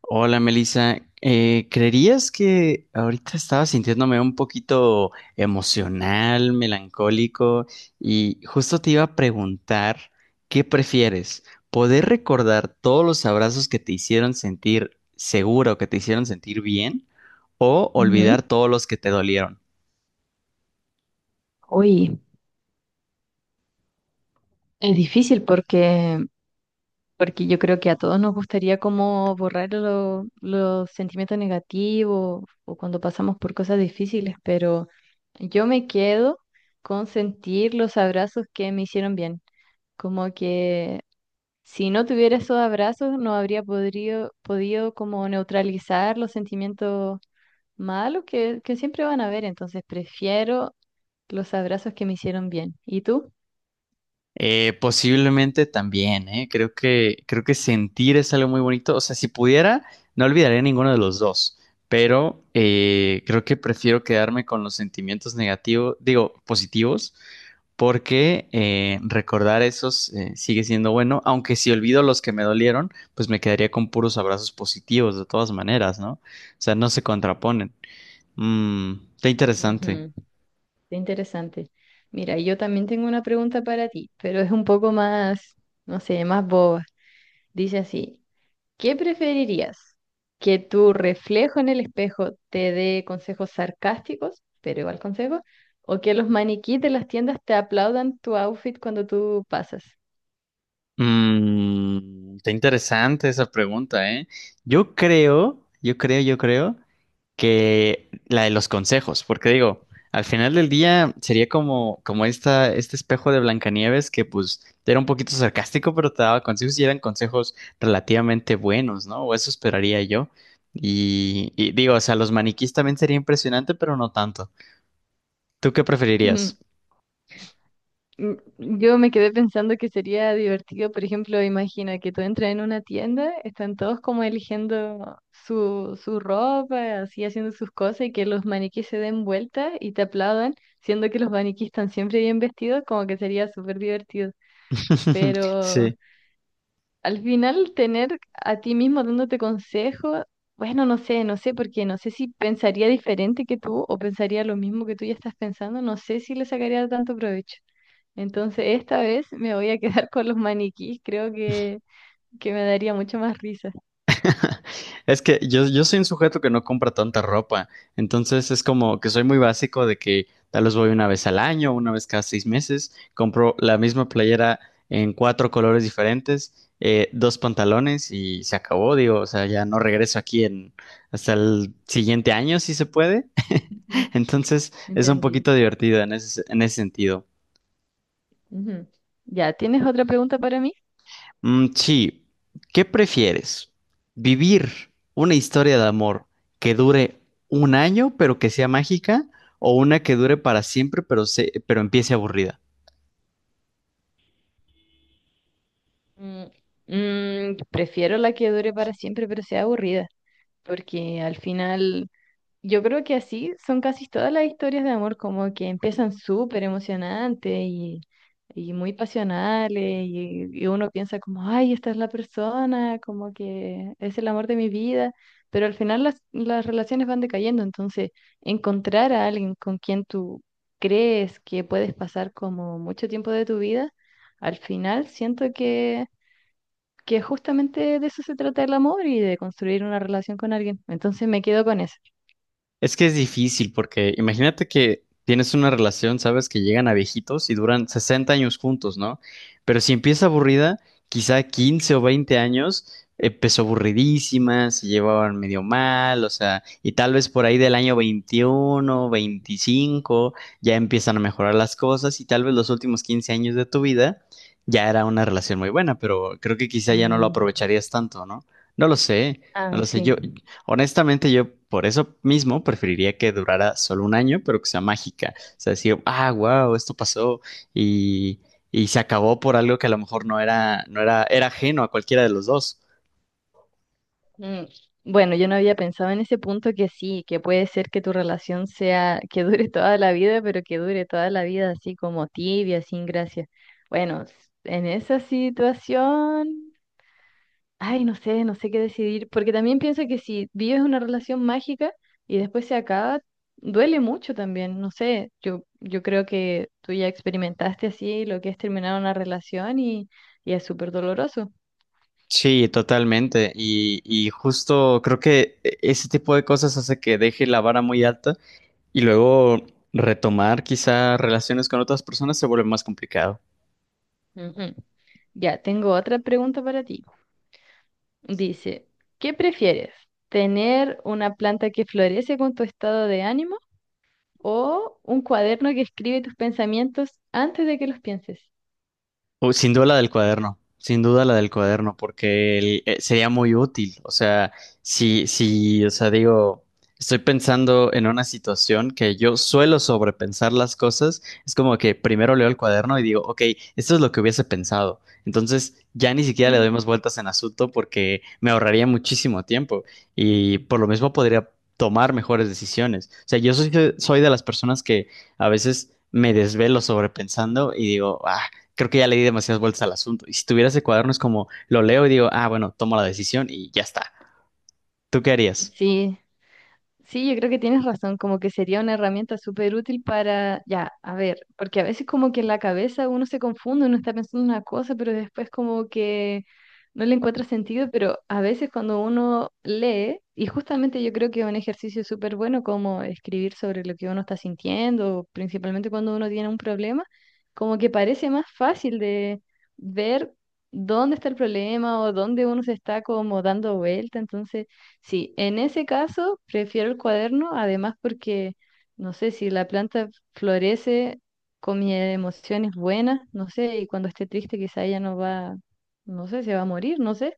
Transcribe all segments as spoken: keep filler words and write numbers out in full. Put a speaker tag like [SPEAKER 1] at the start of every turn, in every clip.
[SPEAKER 1] Hola, Melissa. Eh, ¿creerías que ahorita estaba sintiéndome un poquito emocional, melancólico y justo te iba a preguntar qué prefieres? ¿Poder recordar todos los abrazos que te hicieron sentir seguro, que te hicieron sentir bien o
[SPEAKER 2] Ujú.
[SPEAKER 1] olvidar todos los que te dolieron?
[SPEAKER 2] Uy, es difícil porque, porque yo creo que a todos nos gustaría como borrar lo- los sentimientos negativos o cuando pasamos por cosas difíciles, pero yo me quedo con sentir los abrazos que me hicieron bien. Como que si no tuviera esos abrazos no habría podrido- podido como neutralizar los sentimientos malos que, que siempre van a haber, entonces prefiero los abrazos que me hicieron bien. ¿Y tú?
[SPEAKER 1] Eh, posiblemente también, ¿eh? Creo que, creo que sentir es algo muy bonito. O sea, si pudiera, no olvidaría ninguno de los dos, pero eh, creo que prefiero quedarme con los sentimientos negativos, digo, positivos, porque eh, recordar esos, eh, sigue siendo bueno, aunque si olvido los que me dolieron, pues me quedaría con puros abrazos positivos de todas maneras, ¿no? O sea, no se contraponen. Mm, está interesante.
[SPEAKER 2] Ujú. Qué interesante. Mira, yo también tengo una pregunta para ti, pero es un poco más, no sé, más boba. Dice así, ¿qué preferirías? ¿Que tu reflejo en el espejo te dé consejos sarcásticos, pero igual consejos? ¿O que los maniquíes de las tiendas te aplaudan tu outfit cuando tú pasas?
[SPEAKER 1] Mm, está interesante esa pregunta, ¿eh? Yo creo, yo creo, yo creo que la de los consejos, porque digo, al final del día sería como, como esta, este espejo de Blancanieves que pues era un poquito sarcástico, pero te daba consejos y eran consejos relativamente buenos, ¿no? O eso esperaría yo. Y, y digo, o sea, los maniquís también sería impresionante, pero no tanto. ¿Tú qué preferirías?
[SPEAKER 2] Mm, Yo me quedé pensando que sería divertido, por ejemplo, imagina que tú entras en una tienda, están todos como eligiendo su, su ropa, así haciendo sus cosas y que los maniquíes se den vuelta y te aplaudan, siendo que los maniquíes están siempre bien vestidos, como que sería súper divertido. Pero
[SPEAKER 1] Sí.
[SPEAKER 2] al final tener a ti mismo dándote consejos, bueno, no sé, no sé, porque no sé si pensaría diferente que tú o pensaría lo mismo que tú ya estás pensando, no sé si le sacaría tanto provecho. Entonces, esta vez me voy a quedar con los maniquís. Creo que, que me daría mucho más risa.
[SPEAKER 1] Es que yo, yo soy un sujeto que no compra tanta ropa, entonces es como que soy muy básico de que tal vez voy una vez al año, una vez cada seis meses, compro la misma playera en cuatro colores diferentes, eh, dos pantalones y se acabó, digo, o sea, ya no regreso aquí en hasta el siguiente año si se puede.
[SPEAKER 2] Ujú,
[SPEAKER 1] Entonces es un
[SPEAKER 2] Entendí.
[SPEAKER 1] poquito divertido en ese, en ese sentido.
[SPEAKER 2] Ujú. Ya, ¿tienes otra pregunta para mí?
[SPEAKER 1] Mm, sí, ¿qué prefieres? ¿Vivir una historia de amor que dure un año pero que sea mágica o una que dure para siempre, pero, se- pero empiece aburrida?
[SPEAKER 2] Mm, mm, Prefiero la que dure para siempre, pero sea aburrida, porque al final yo creo que así son casi todas las historias de amor, como que empiezan súper emocionantes y, y muy pasionales, y, y uno piensa como, ay, esta es la persona, como que es el amor de mi vida, pero al final las, las relaciones van decayendo, entonces encontrar a alguien con quien tú crees que puedes pasar como mucho tiempo de tu vida, al final siento que, que justamente de eso se trata el amor y de construir una relación con alguien, entonces me quedo con eso.
[SPEAKER 1] Es que es difícil porque imagínate que tienes una relación, sabes que llegan a viejitos y duran sesenta años juntos, ¿no? Pero si empieza aburrida, quizá quince o veinte años eh, empezó aburridísima, se llevaban medio mal, o sea, y tal vez por ahí del año veintiuno, veinticinco ya empiezan a mejorar las cosas y tal vez los últimos quince años de tu vida ya era una relación muy buena, pero creo que quizá ya no lo
[SPEAKER 2] Mm.
[SPEAKER 1] aprovecharías tanto, ¿no? No lo sé, no
[SPEAKER 2] Ah,
[SPEAKER 1] lo sé,
[SPEAKER 2] sí.
[SPEAKER 1] yo, honestamente, yo por eso mismo preferiría que durara solo un año, pero que sea mágica. O sea, decir, ah, wow, esto pasó y, y se acabó por algo que a lo mejor no era, no era, era ajeno a cualquiera de los dos.
[SPEAKER 2] Mm, Bueno, yo no había pensado en ese punto que sí, que puede ser que tu relación sea, que dure toda la vida, pero que dure toda la vida así como tibia, sin gracia. Bueno, s- en esa situación, ay, no sé, no sé qué decidir, porque también pienso que si vives una relación mágica y después se acaba, duele mucho también, no sé, yo, yo creo que tú ya experimentaste así lo que es terminar una relación y, y es súper doloroso.
[SPEAKER 1] Sí, totalmente. Y, y justo creo que e- ese tipo de cosas hace que deje la vara muy alta y luego retomar quizá relaciones con otras personas se vuelve más complicado.
[SPEAKER 2] Ujú. Ya, tengo otra pregunta para ti. Dice, ¿qué prefieres? ¿Tener una planta que florece con tu estado de ánimo o un cuaderno que escribe tus pensamientos antes de que los pienses?
[SPEAKER 1] Uy, sin duda la del cuaderno, sin duda la del cuaderno, porque el- eh, sería muy útil. O sea, si, si, o sea, digo, estoy pensando en una situación que yo suelo sobrepensar las cosas, es como que primero leo el cuaderno y digo, ok, esto es lo que hubiese pensado. Entonces, ya ni siquiera le doy más vueltas en asunto porque me ahorraría muchísimo tiempo y por lo mismo podría tomar mejores decisiones. O sea, yo soy, soy de las personas que a veces me desvelo sobrepensando y digo, ah, creo que ya le di demasiadas vueltas al asunto. Y si tuviera ese cuaderno es como, lo leo y digo, ah, bueno, tomo la decisión y ya está. ¿Tú qué harías?
[SPEAKER 2] Sí, sí, yo creo que tienes razón, como que sería una herramienta súper útil para, ya, a ver, porque a veces como que en la cabeza uno se confunde, uno está pensando una cosa, pero después como que no le encuentra sentido, pero a veces cuando uno lee, y justamente yo creo que es un ejercicio súper bueno como escribir sobre lo que uno está sintiendo, principalmente cuando uno tiene un problema, como que parece más fácil de ver dónde está el problema o dónde uno se está como dando vuelta, entonces. Sí, en ese caso prefiero el cuaderno, además porque, no sé, si la planta florece con mis emociones buenas, no sé, y cuando esté triste quizá ella no va, no sé, se va a morir, no sé.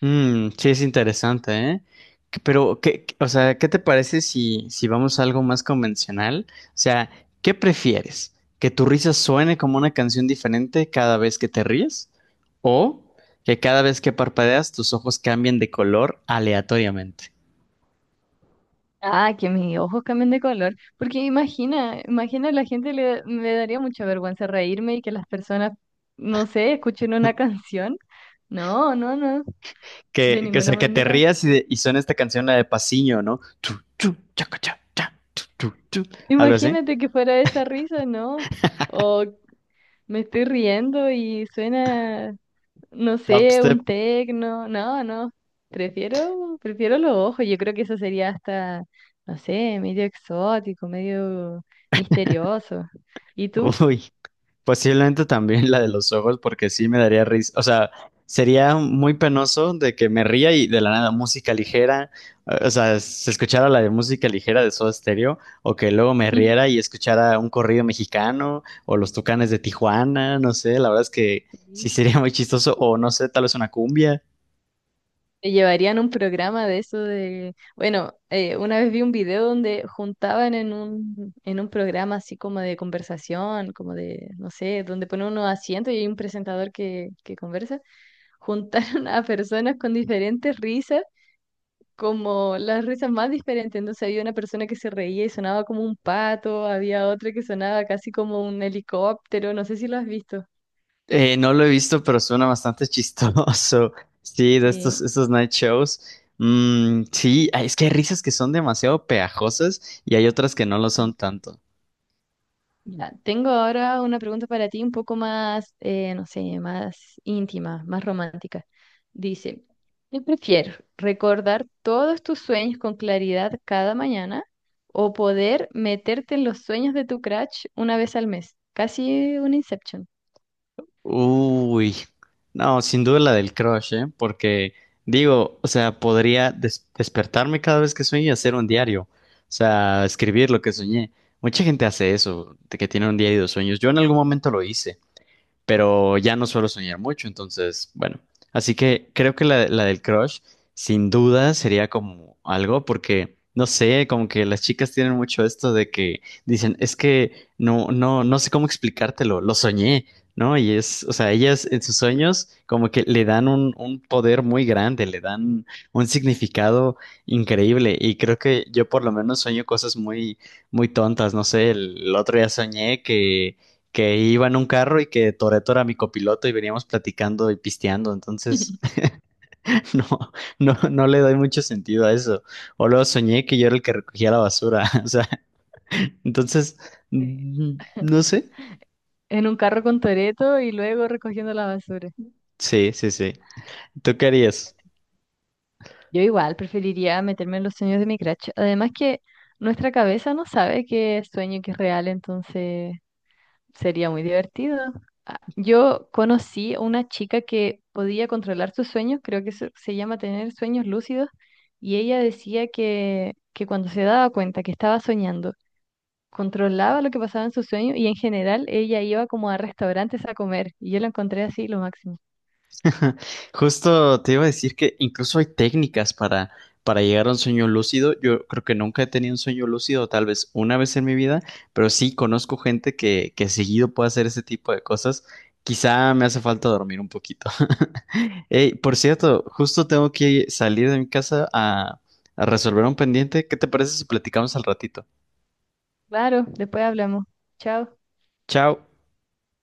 [SPEAKER 1] Mm, sí, es interesante, ¿eh? Que- Pero, ¿qué, qué- o sea, ¿qué te parece si, si, vamos a algo más convencional? O sea, ¿qué prefieres? ¿Que tu risa suene como una canción diferente cada vez que te ríes? ¿O que cada vez que parpadeas tus ojos cambien de color aleatoriamente?
[SPEAKER 2] Ah, que mis ojos cambien de color, porque imagina, imagina la gente le, me daría mucha vergüenza reírme y que las personas, no sé, escuchen una canción. No, no, no, de
[SPEAKER 1] Que, que, o
[SPEAKER 2] ninguna
[SPEAKER 1] sea, que te
[SPEAKER 2] manera.
[SPEAKER 1] rías y, de- y suena esta canción, la de Pasiño, ¿no? Tu, tu, chaca, cha, cha, tu, tu, tu. Algo así.
[SPEAKER 2] Imagínate que fuera esa risa, ¿no? O me estoy riendo y suena, no
[SPEAKER 1] Top
[SPEAKER 2] sé, un
[SPEAKER 1] step.
[SPEAKER 2] tecno. No, no. Prefiero, prefiero los ojos. Yo creo que eso sería hasta, no sé, medio exótico, medio misterioso. ¿Y tú?
[SPEAKER 1] Uy, posiblemente también la de los ojos, porque sí me daría risa. O sea, sería muy penoso de que me ría y de la nada música ligera. O sea, se escuchara la de música ligera de Soda Stereo, o que luego me riera y escuchara un corrido mexicano, o los Tucanes de Tijuana, no sé, la verdad es que sí
[SPEAKER 2] Sí.
[SPEAKER 1] sería muy chistoso, o no sé, tal vez una cumbia.
[SPEAKER 2] Te llevarían un programa de eso de, bueno, eh, una vez vi un video donde juntaban en un, en un programa así como de conversación, como de, no sé, donde ponen unos asientos y hay un presentador que, que conversa, juntaron a personas con diferentes risas, como las risas más diferentes. Entonces había una persona que se reía y sonaba como un pato, había otra que sonaba casi como un helicóptero, no sé si lo has visto.
[SPEAKER 1] Eh, no lo he visto, pero suena bastante chistoso. Sí, de estos,
[SPEAKER 2] Sí.
[SPEAKER 1] estos night shows. Mm, sí, ay, es que hay risas que son demasiado pegajosas y hay otras que no lo
[SPEAKER 2] Mm.
[SPEAKER 1] son tanto.
[SPEAKER 2] Mira, tengo ahora una pregunta para ti un poco más, eh, no sé, más íntima, más romántica. Dice, ¿qué prefieres? ¿Recordar todos tus sueños con claridad cada mañana o poder meterte en los sueños de tu crush una vez al mes? Casi un Inception.
[SPEAKER 1] Uy, no, sin duda la del crush, ¿eh? Porque digo, o sea, podría des- despertarme cada vez que sueño y hacer un diario. O sea, escribir lo que soñé. Mucha gente hace eso, de que tiene un diario de sueños. Yo en algún momento lo hice. Pero ya no suelo soñar mucho, entonces, bueno, así que creo que la, la del crush sin duda sería como algo porque, no sé, como que las chicas tienen mucho esto de que dicen, es que no, no, no sé cómo explicártelo, lo soñé, ¿no? Y es, o sea, ellas en sus sueños como que le dan un, un poder muy grande, le dan un significado increíble y creo que yo por lo menos sueño cosas muy, muy tontas, no sé, el el otro día soñé que que iba en un carro y que Toreto era mi copiloto y veníamos platicando y pisteando, entonces no, no, no le doy mucho sentido a eso. O luego soñé que yo era el que recogía la basura, o sea, entonces,
[SPEAKER 2] Sí.
[SPEAKER 1] mm, no sé.
[SPEAKER 2] En un carro con Toreto y luego recogiendo la basura.
[SPEAKER 1] Sí, sí, sí. ¿Tú qué harías?
[SPEAKER 2] Yo igual preferiría meterme en los sueños de mi crush. Además que nuestra cabeza no sabe qué es sueño y qué es real, entonces sería muy divertido. Ah, yo conocí a una chica que podía controlar sus sueños, creo que eso se llama tener sueños lúcidos, y ella decía que, que cuando se daba cuenta que estaba soñando, controlaba lo que pasaba en sus sueños y en general ella iba como a restaurantes a comer, y yo lo encontré así lo máximo.
[SPEAKER 1] Justo te iba a decir que incluso hay técnicas para, para, llegar a un sueño lúcido. Yo creo que nunca he tenido un sueño lúcido, tal vez una vez en mi vida, pero sí conozco gente que, que seguido puede hacer ese tipo de cosas. Quizá me hace falta dormir un poquito. Ey, por cierto, justo tengo que salir de mi casa a, a resolver un pendiente. ¿Qué te parece si platicamos al ratito?
[SPEAKER 2] Claro, después hablamos. Chao.
[SPEAKER 1] Chao.